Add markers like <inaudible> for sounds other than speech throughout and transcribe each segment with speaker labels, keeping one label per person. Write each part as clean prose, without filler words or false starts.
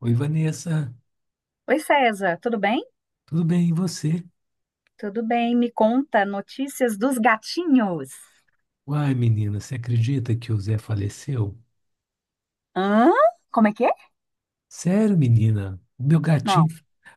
Speaker 1: Oi, Vanessa,
Speaker 2: Oi, César, tudo bem?
Speaker 1: tudo bem? E você?
Speaker 2: Tudo bem, me conta notícias dos gatinhos.
Speaker 1: Uai, menina, você acredita que o Zé faleceu?
Speaker 2: Hã? Como é que é?
Speaker 1: Sério, menina?
Speaker 2: Não.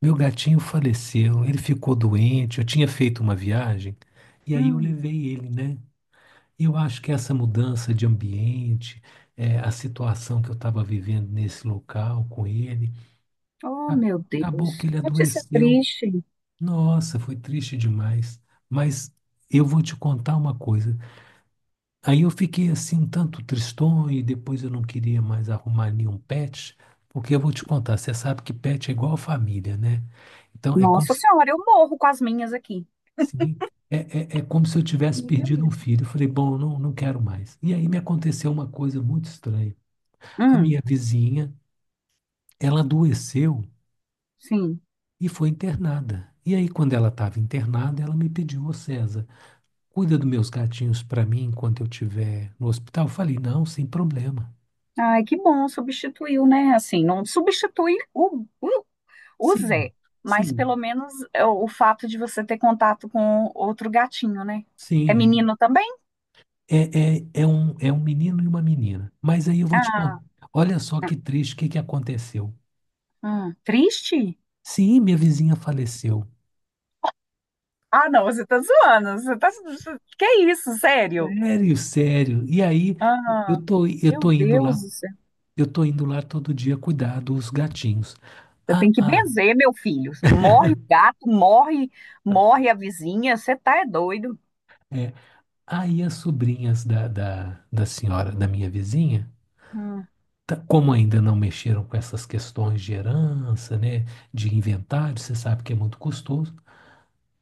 Speaker 1: Meu gatinho faleceu, ele ficou doente, eu tinha feito uma viagem e aí eu
Speaker 2: Hum.
Speaker 1: levei ele, né? Eu acho que essa mudança de ambiente, a situação que eu estava vivendo nesse local com ele,
Speaker 2: Oh,
Speaker 1: a-
Speaker 2: meu
Speaker 1: acabou
Speaker 2: Deus,
Speaker 1: que
Speaker 2: que
Speaker 1: ele
Speaker 2: notícia
Speaker 1: adoeceu.
Speaker 2: triste.
Speaker 1: Nossa, foi triste demais. Mas eu vou te contar uma coisa. Aí eu fiquei assim um tanto tristonho e depois eu não queria mais arrumar nenhum pet, porque eu vou te contar, você sabe que pet é igual família, né? Então é como
Speaker 2: Nossa
Speaker 1: se,
Speaker 2: Senhora, eu morro com as minhas aqui.
Speaker 1: assim, é, é, é como se eu tivesse
Speaker 2: Milha
Speaker 1: perdido um
Speaker 2: mesmo.
Speaker 1: filho. Eu falei, bom, eu não quero mais. E aí me aconteceu uma coisa muito estranha. A
Speaker 2: Hum,
Speaker 1: minha vizinha, ela adoeceu
Speaker 2: sim.
Speaker 1: e foi internada. E aí quando ela estava internada, ela me pediu, ô, César, cuida dos meus gatinhos para mim enquanto eu estiver no hospital. Eu falei, não, sem problema.
Speaker 2: Ai, que bom, substituiu, né? Assim, não substitui o
Speaker 1: Sim.
Speaker 2: Zé, mas pelo
Speaker 1: Sim,
Speaker 2: menos é, o fato de você ter contato com outro gatinho, né? É
Speaker 1: sim,
Speaker 2: menino também?
Speaker 1: é um menino e uma menina. Mas aí eu vou te contar.
Speaker 2: Ah,
Speaker 1: Olha só,
Speaker 2: ah,
Speaker 1: que triste, o que que aconteceu?
Speaker 2: triste?
Speaker 1: Sim, minha vizinha faleceu.
Speaker 2: Ah, não, você tá zoando. Você tá... você- Que é isso, sério?
Speaker 1: Sério, sério. E aí eu
Speaker 2: Ah,
Speaker 1: tô, eu
Speaker 2: meu
Speaker 1: tô indo
Speaker 2: Deus
Speaker 1: lá,
Speaker 2: do céu.
Speaker 1: eu tô indo lá todo dia cuidar dos gatinhos.
Speaker 2: Você
Speaker 1: Ah,
Speaker 2: tem que
Speaker 1: ah,
Speaker 2: benzer, meu filho. Morre o gato, morre, morre a vizinha. Você tá é doido.
Speaker 1: é. Aí as sobrinhas da senhora, da minha vizinha,
Speaker 2: Hum.
Speaker 1: como ainda não mexeram com essas questões de herança, né, de inventário, você sabe que é muito custoso.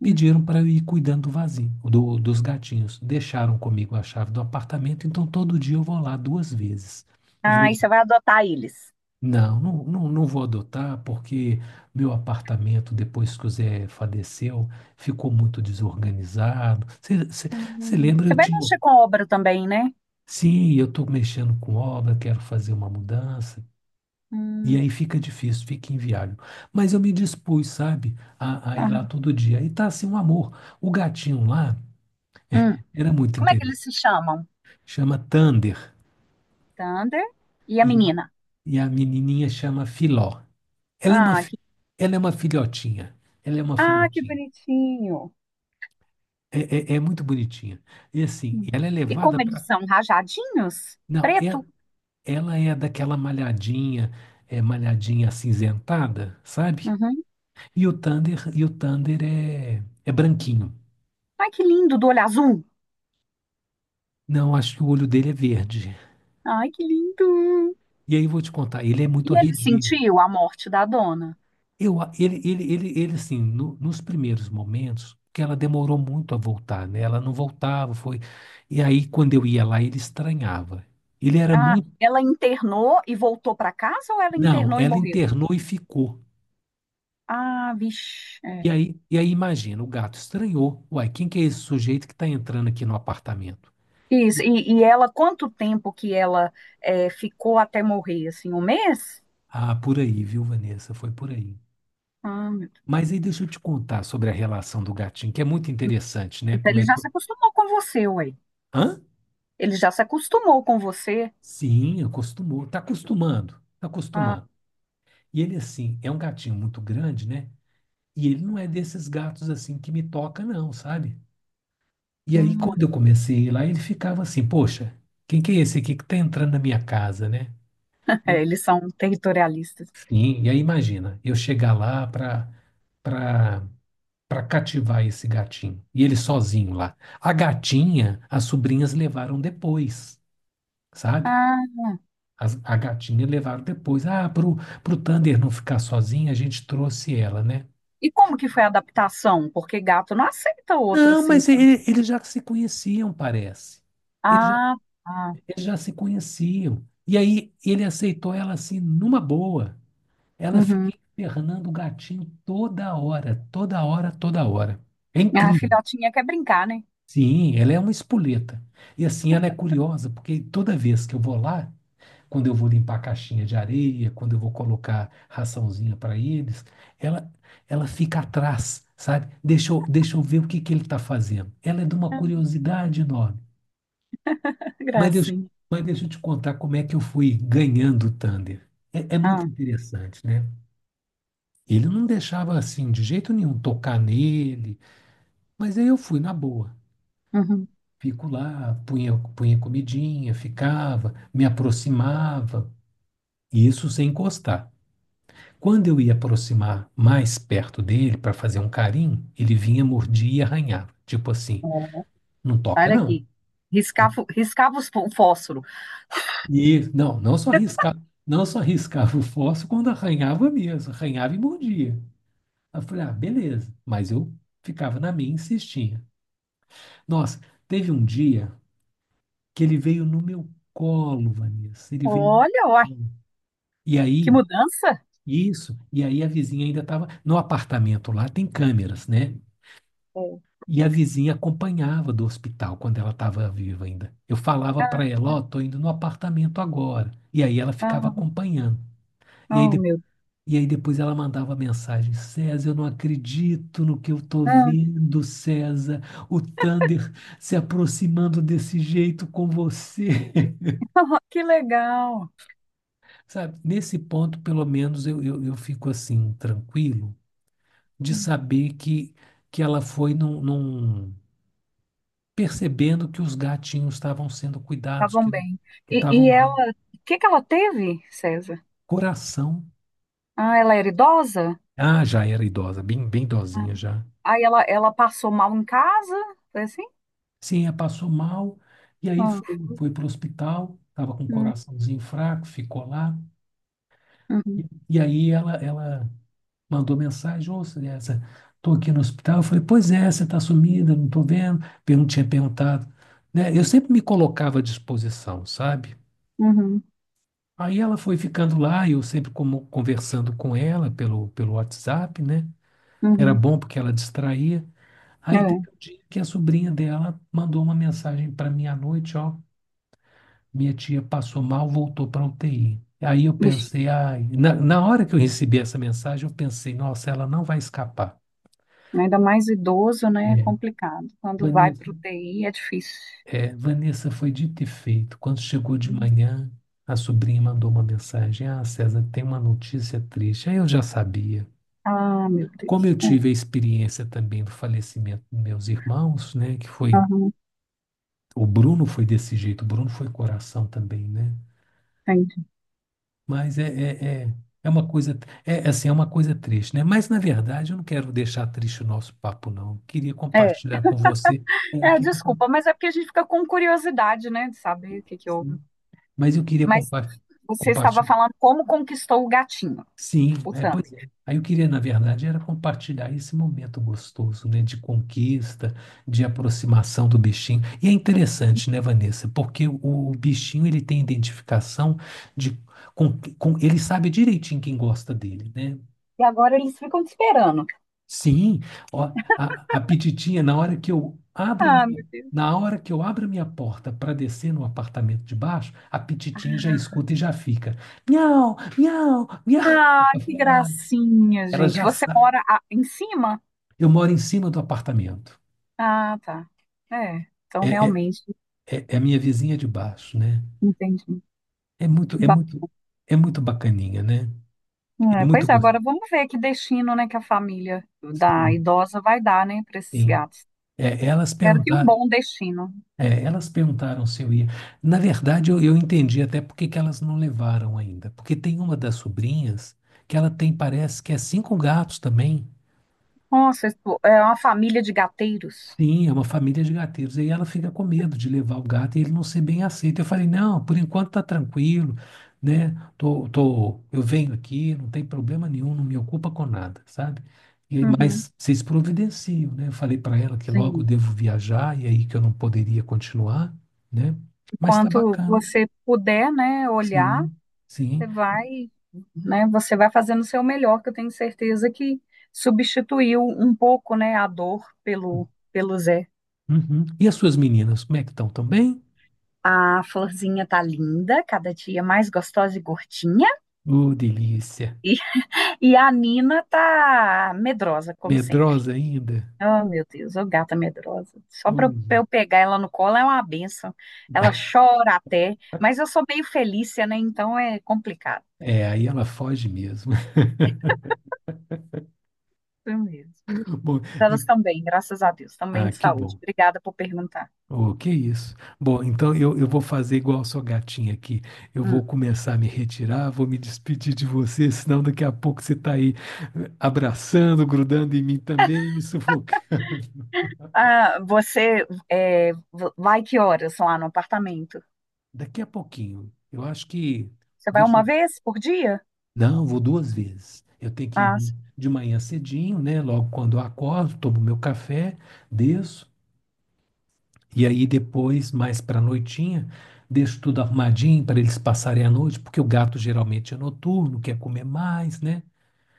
Speaker 2: Hum.
Speaker 1: Pediram para eu ir cuidando dos gatinhos. Deixaram comigo a chave do apartamento, então todo dia eu vou lá duas vezes. Eu vou
Speaker 2: Ah, e
Speaker 1: de...
Speaker 2: você vai adotar eles.
Speaker 1: Não, não, não, não vou adotar, porque meu apartamento, depois que o Zé faleceu, ficou muito desorganizado. Você
Speaker 2: Hum.
Speaker 1: lembra,
Speaker 2: Você
Speaker 1: eu
Speaker 2: vai
Speaker 1: tinha.
Speaker 2: mexer com obra também, né?
Speaker 1: Sim, eu estou mexendo com obra, quero fazer uma mudança. E
Speaker 2: Hum.
Speaker 1: aí fica difícil, fica inviável. Mas eu me dispus, sabe, a ir lá
Speaker 2: Ah,
Speaker 1: todo dia. E tá assim um amor. O gatinho lá
Speaker 2: hum.
Speaker 1: era muito
Speaker 2: Como é que
Speaker 1: interessante.
Speaker 2: eles se chamam?
Speaker 1: Chama Thunder,
Speaker 2: Thunder e a
Speaker 1: e a,
Speaker 2: menina.
Speaker 1: e a menininha chama Filó. Ela é uma,
Speaker 2: Ah,
Speaker 1: fi-
Speaker 2: que,
Speaker 1: Ela é uma filhotinha. Ela é uma
Speaker 2: ah, que
Speaker 1: filhotinha.
Speaker 2: bonitinho.
Speaker 1: É muito bonitinha. E assim,
Speaker 2: Hum.
Speaker 1: ela é
Speaker 2: E
Speaker 1: levada
Speaker 2: como eles
Speaker 1: para.
Speaker 2: são rajadinhos?
Speaker 1: Não, é,
Speaker 2: Preto.
Speaker 1: ela é daquela malhadinha, malhadinha acinzentada, sabe?
Speaker 2: Uhum.
Speaker 1: E o Thunder é, branquinho.
Speaker 2: Ai, que lindo, do olho azul.
Speaker 1: Não, acho que o olho dele é verde.
Speaker 2: Ai, que lindo!
Speaker 1: E aí vou te contar, ele é muito
Speaker 2: E ele
Speaker 1: arredio.
Speaker 2: sentiu a morte da dona?
Speaker 1: Assim, nos primeiros momentos, que ela demorou muito a voltar, né? Ela não voltava, foi. E aí, quando eu ia lá, ele estranhava. Ele era
Speaker 2: Ah,
Speaker 1: muito.
Speaker 2: ela internou e voltou para casa ou ela
Speaker 1: Não,
Speaker 2: internou e
Speaker 1: ela
Speaker 2: morreu?
Speaker 1: internou e ficou.
Speaker 2: Ah, vixe.
Speaker 1: E
Speaker 2: É.
Speaker 1: aí, e aí imagina, o gato estranhou. Uai, quem que é esse sujeito que está entrando aqui no apartamento?
Speaker 2: Isso.
Speaker 1: E-
Speaker 2: E ela, quanto tempo que ela é, ficou até morrer? Assim, um mês?
Speaker 1: Ah, por aí, viu, Vanessa? Foi por aí.
Speaker 2: Ah, meu Deus.
Speaker 1: Mas aí deixa eu te contar sobre a relação do gatinho, que é muito interessante, né?
Speaker 2: Então
Speaker 1: Como
Speaker 2: ele
Speaker 1: é
Speaker 2: já
Speaker 1: que.
Speaker 2: se acostumou com você, ué.
Speaker 1: Hã?
Speaker 2: Ele já se acostumou com você.
Speaker 1: Sim, acostumou. Está acostumando. Está
Speaker 2: Ah,
Speaker 1: acostumando. E ele, assim, é um gatinho muito grande, né? E ele não é desses gatos, assim, que me toca, não, sabe? E aí,
Speaker 2: hum.
Speaker 1: quando eu
Speaker 2: <laughs>
Speaker 1: comecei a ir lá, ele ficava assim, poxa, quem que é esse aqui que tá entrando na minha casa, né?
Speaker 2: É,
Speaker 1: E-
Speaker 2: eles são territorialistas.
Speaker 1: sim, e aí imagina, eu chegar lá pra, pra cativar esse gatinho. E ele sozinho lá. A gatinha, as sobrinhas levaram depois, sabe?
Speaker 2: Ah,
Speaker 1: A gatinha levaram depois. Ah, pro Thunder não ficar sozinho, a gente trouxe ela, né?
Speaker 2: e como que foi a adaptação? Porque gato não aceita outro
Speaker 1: Não,
Speaker 2: assim.
Speaker 1: mas ele- eles já se conheciam, parece. Eles já,
Speaker 2: Ah, tá.
Speaker 1: eles já se conheciam. E aí ele aceitou ela assim, numa boa. Ela
Speaker 2: Uhum.
Speaker 1: fica infernando o gatinho toda hora, toda hora, toda hora. É
Speaker 2: A
Speaker 1: incrível.
Speaker 2: filhotinha quer brincar, né?
Speaker 1: Sim, ela é uma espoleta. E assim, ela é curiosa, porque toda vez que eu vou lá, quando eu vou limpar a caixinha de areia, quando eu vou colocar raçãozinha para eles, ela, ela fica atrás, sabe? Deixa eu ver o que que ele está fazendo. Ela é de uma
Speaker 2: Ah,
Speaker 1: curiosidade enorme. Mas deixa,
Speaker 2: gracinha.
Speaker 1: mas deixa eu te contar como é que eu fui ganhando o Thunder. É, é muito
Speaker 2: Ah,
Speaker 1: interessante, né? Ele não deixava assim, de jeito nenhum, tocar nele, mas aí eu fui na boa.
Speaker 2: uhum.
Speaker 1: Fico lá, punha, punha comidinha, ficava, me aproximava, e isso sem encostar. Quando eu ia aproximar mais perto dele para fazer um carinho, ele vinha, mordia e arranhava. Tipo assim,
Speaker 2: Ó,
Speaker 1: não toca
Speaker 2: para
Speaker 1: não.
Speaker 2: aqui. Riscava, riscava os fó- o fósforo.
Speaker 1: E não, não só riscava o fósforo quando arranhava mesmo, arranhava e mordia. Aí Eu falei, ah, beleza. Mas eu ficava na minha e insistia. Nossa, teve um dia que ele veio no meu colo, Vanessa. Ele veio
Speaker 2: Olha,
Speaker 1: no
Speaker 2: uai,
Speaker 1: meu colo. E
Speaker 2: que
Speaker 1: aí,
Speaker 2: mudança.
Speaker 1: isso, e aí a vizinha ainda estava. No apartamento lá tem câmeras, né?
Speaker 2: É.
Speaker 1: E a vizinha acompanhava do hospital quando ela estava viva ainda. Eu falava para
Speaker 2: Ah,
Speaker 1: ela, ó, tô indo no apartamento agora. E aí ela ficava
Speaker 2: ah,
Speaker 1: acompanhando. E aí,
Speaker 2: oh,
Speaker 1: de-
Speaker 2: meu
Speaker 1: e aí depois ela mandava mensagem: César, eu não acredito no que eu tô
Speaker 2: Deus.
Speaker 1: vendo, César. O Thunder se aproximando desse jeito com você.
Speaker 2: Ah, que legal.
Speaker 1: <laughs> Sabe? Nesse ponto, pelo menos, eu fico assim, tranquilo, de
Speaker 2: Hum,
Speaker 1: saber que, ela foi num percebendo que os gatinhos estavam sendo cuidados,
Speaker 2: Estavam
Speaker 1: que
Speaker 2: bem.
Speaker 1: que
Speaker 2: E,
Speaker 1: estavam
Speaker 2: e ela,
Speaker 1: bem.
Speaker 2: o que que ela teve, César?
Speaker 1: Coração.
Speaker 2: Ah, ela era idosa?
Speaker 1: Ah, já era idosa, bem, bem
Speaker 2: Ah,
Speaker 1: idosinha já.
Speaker 2: aí ela passou mal em casa? Foi assim?
Speaker 1: Sim, ela passou mal e aí foi,
Speaker 2: Ah,
Speaker 1: foi para o hospital, estava com o
Speaker 2: hum,
Speaker 1: coraçãozinho fraco, ficou lá. E,
Speaker 2: uhum,
Speaker 1: e aí ela mandou mensagem, ô, estou aqui no hospital. Eu falei, pois é, você está sumida, não estou vendo. Pergun Tinha perguntado. Né? Eu sempre me colocava à disposição, sabe?
Speaker 2: uhum,
Speaker 1: Aí ela foi ficando lá, eu sempre como conversando com ela pelo WhatsApp, né? Era
Speaker 2: uhum.
Speaker 1: bom porque ela distraía. Aí teve um
Speaker 2: É.
Speaker 1: dia que a sobrinha dela mandou uma mensagem para mim à noite, ó, minha tia passou mal, voltou para UTI. Aí eu pensei,
Speaker 2: Ixi.
Speaker 1: ai, na hora que eu recebi essa mensagem, eu pensei, nossa, ela não vai escapar.
Speaker 2: Ainda mais idoso, né? É
Speaker 1: É,
Speaker 2: complicado. Quando vai para o
Speaker 1: Vanessa,
Speaker 2: UTI é difícil.
Speaker 1: é, Vanessa, foi dito e feito. Quando chegou de manhã, a sobrinha mandou uma mensagem, ah, César, tem uma notícia triste. Aí eu já sabia.
Speaker 2: Ah, meu
Speaker 1: Como eu
Speaker 2: Deus. É.
Speaker 1: tive a experiência também do falecimento dos meus irmãos, né,
Speaker 2: Aham,
Speaker 1: o Bruno foi desse jeito, o Bruno foi coração também, né?
Speaker 2: entendi.
Speaker 1: Mas é uma coisa, é assim, é uma coisa triste, né? Mas na verdade eu não quero deixar triste o nosso papo, não. Queria
Speaker 2: É.
Speaker 1: compartilhar com você, é,
Speaker 2: É,
Speaker 1: queria com-
Speaker 2: desculpa, mas é porque a gente fica com curiosidade, né, de saber o que que houve.
Speaker 1: mas eu queria
Speaker 2: Mas você estava
Speaker 1: compartilhar.
Speaker 2: falando como conquistou o gatinho,
Speaker 1: Sim,
Speaker 2: o Thunder.
Speaker 1: pois é. Aí eu queria, na verdade, era compartilhar esse momento gostoso, né, de conquista, de aproximação do bichinho. E é interessante, né, Vanessa, porque o bichinho ele tem identificação de com ele, sabe direitinho quem gosta dele, né?
Speaker 2: E agora eles ficam te esperando.
Speaker 1: Sim, ó, a pititinha, na hora que eu abro a
Speaker 2: Ah,
Speaker 1: minha,
Speaker 2: meu Deus.
Speaker 1: na hora que eu abro a minha porta para descer no apartamento de baixo, a pititinha já escuta e já fica, miau, miau, miau. Eu
Speaker 2: Ai, que
Speaker 1: falei, "Ah,
Speaker 2: gracinha,
Speaker 1: ela
Speaker 2: gente.
Speaker 1: já
Speaker 2: Você
Speaker 1: sabe."
Speaker 2: mora a- em cima?
Speaker 1: Eu moro em cima do apartamento.
Speaker 2: Ah, tá. É, então
Speaker 1: É, é,
Speaker 2: realmente,
Speaker 1: é a minha vizinha de baixo, né?
Speaker 2: entendi.
Speaker 1: É muito,
Speaker 2: Que
Speaker 1: é muito, é muito bacaninha, né? É
Speaker 2: é,
Speaker 1: muito
Speaker 2: pois é,
Speaker 1: gostoso.
Speaker 2: agora vamos ver que destino, né, que a família da
Speaker 1: Sim,
Speaker 2: idosa vai dar, né, para esses
Speaker 1: sim.
Speaker 2: gatos.
Speaker 1: É, elas
Speaker 2: Espero que um
Speaker 1: perguntaram,
Speaker 2: bom destino.
Speaker 1: Elas perguntaram se eu ia. Na verdade, eu entendi até por que que elas não levaram ainda. Porque tem uma das sobrinhas que ela tem, parece que é cinco gatos também.
Speaker 2: Nossa, isso é uma família de gateiros.
Speaker 1: Sim, é uma família de gatinhos. E ela fica com medo de levar o gato e ele não ser bem aceito. Eu falei, não, por enquanto tá tranquilo, né? Eu venho aqui, não tem problema nenhum, não me ocupa com nada, sabe? E aí,
Speaker 2: Uhum,
Speaker 1: mas vocês providenciam, né? Eu falei para ela que logo eu
Speaker 2: sim.
Speaker 1: devo viajar e aí que eu não poderia continuar, né? Mas tá
Speaker 2: Enquanto
Speaker 1: bacana.
Speaker 2: você puder, né, olhar,
Speaker 1: Sim, sim.
Speaker 2: você vai, né, você vai fazendo o seu melhor, que eu tenho certeza que substituiu um pouco, né, a dor pelo, pelo Zé.
Speaker 1: Uhum. E as suas meninas, como é que estão? Tão bem?
Speaker 2: A florzinha tá linda, cada dia mais gostosa e gordinha.
Speaker 1: Ô, delícia.
Speaker 2: E, <laughs> e a Nina tá medrosa, como sempre.
Speaker 1: Medrosa ainda?
Speaker 2: Oh, meu Deus, ô gata medrosa. Só para
Speaker 1: Ui.
Speaker 2: eu pegar ela no colo é uma benção. Ela chora até, mas eu sou meio Felícia, né? Então é complicado.
Speaker 1: É, aí ela foge mesmo. <laughs>
Speaker 2: Eu mesmo.
Speaker 1: Bom,
Speaker 2: Elas
Speaker 1: e-
Speaker 2: também, graças a Deus, também
Speaker 1: ah,
Speaker 2: de
Speaker 1: que
Speaker 2: saúde.
Speaker 1: bom.
Speaker 2: Obrigada por perguntar.
Speaker 1: Oh, que isso. Bom, então eu vou fazer igual a sua gatinha aqui. Eu
Speaker 2: Hum.
Speaker 1: vou começar a me retirar, vou me despedir de você, senão daqui a pouco você está aí abraçando, grudando em mim também, me sufoca.
Speaker 2: Ah, você é, v- vai que horas lá no apartamento?
Speaker 1: Daqui a pouquinho, eu acho que.
Speaker 2: Você vai
Speaker 1: Deixa
Speaker 2: uma
Speaker 1: eu.
Speaker 2: vez por dia?
Speaker 1: Não, vou duas vezes. Eu tenho que ir
Speaker 2: Ah, sim,
Speaker 1: de manhã cedinho, né? Logo quando eu acordo, tomo meu café, desço. E aí depois, mais para a noitinha, deixo tudo arrumadinho para eles passarem a noite, porque o gato geralmente é noturno, quer comer mais, né?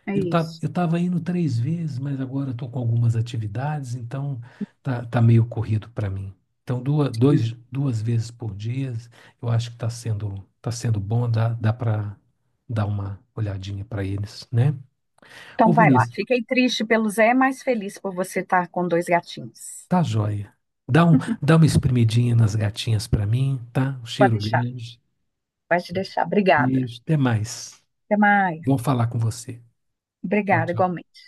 Speaker 2: é isso.
Speaker 1: Eu estava indo três vezes, mas agora estou com algumas atividades, então tá meio corrido para mim. Então duas,
Speaker 2: Hum.
Speaker 1: dois, duas vezes por dia, eu acho que está sendo, tá sendo bom, dá para dar uma olhadinha para eles, né? Ô,
Speaker 2: Então vai lá.
Speaker 1: Vanessa,
Speaker 2: Fiquei triste pelo Zé, mas feliz por você estar com dois gatinhos.
Speaker 1: tá joia. Dá um, dá uma espremidinha nas gatinhas para mim, tá? Um
Speaker 2: Pode
Speaker 1: cheiro
Speaker 2: deixar,
Speaker 1: grande.
Speaker 2: pode deixar. Obrigada.
Speaker 1: Beijo, até mais.
Speaker 2: Até
Speaker 1: Bom
Speaker 2: mais.
Speaker 1: falar com você. Tchau,
Speaker 2: Obrigada,
Speaker 1: tchau.
Speaker 2: igualmente.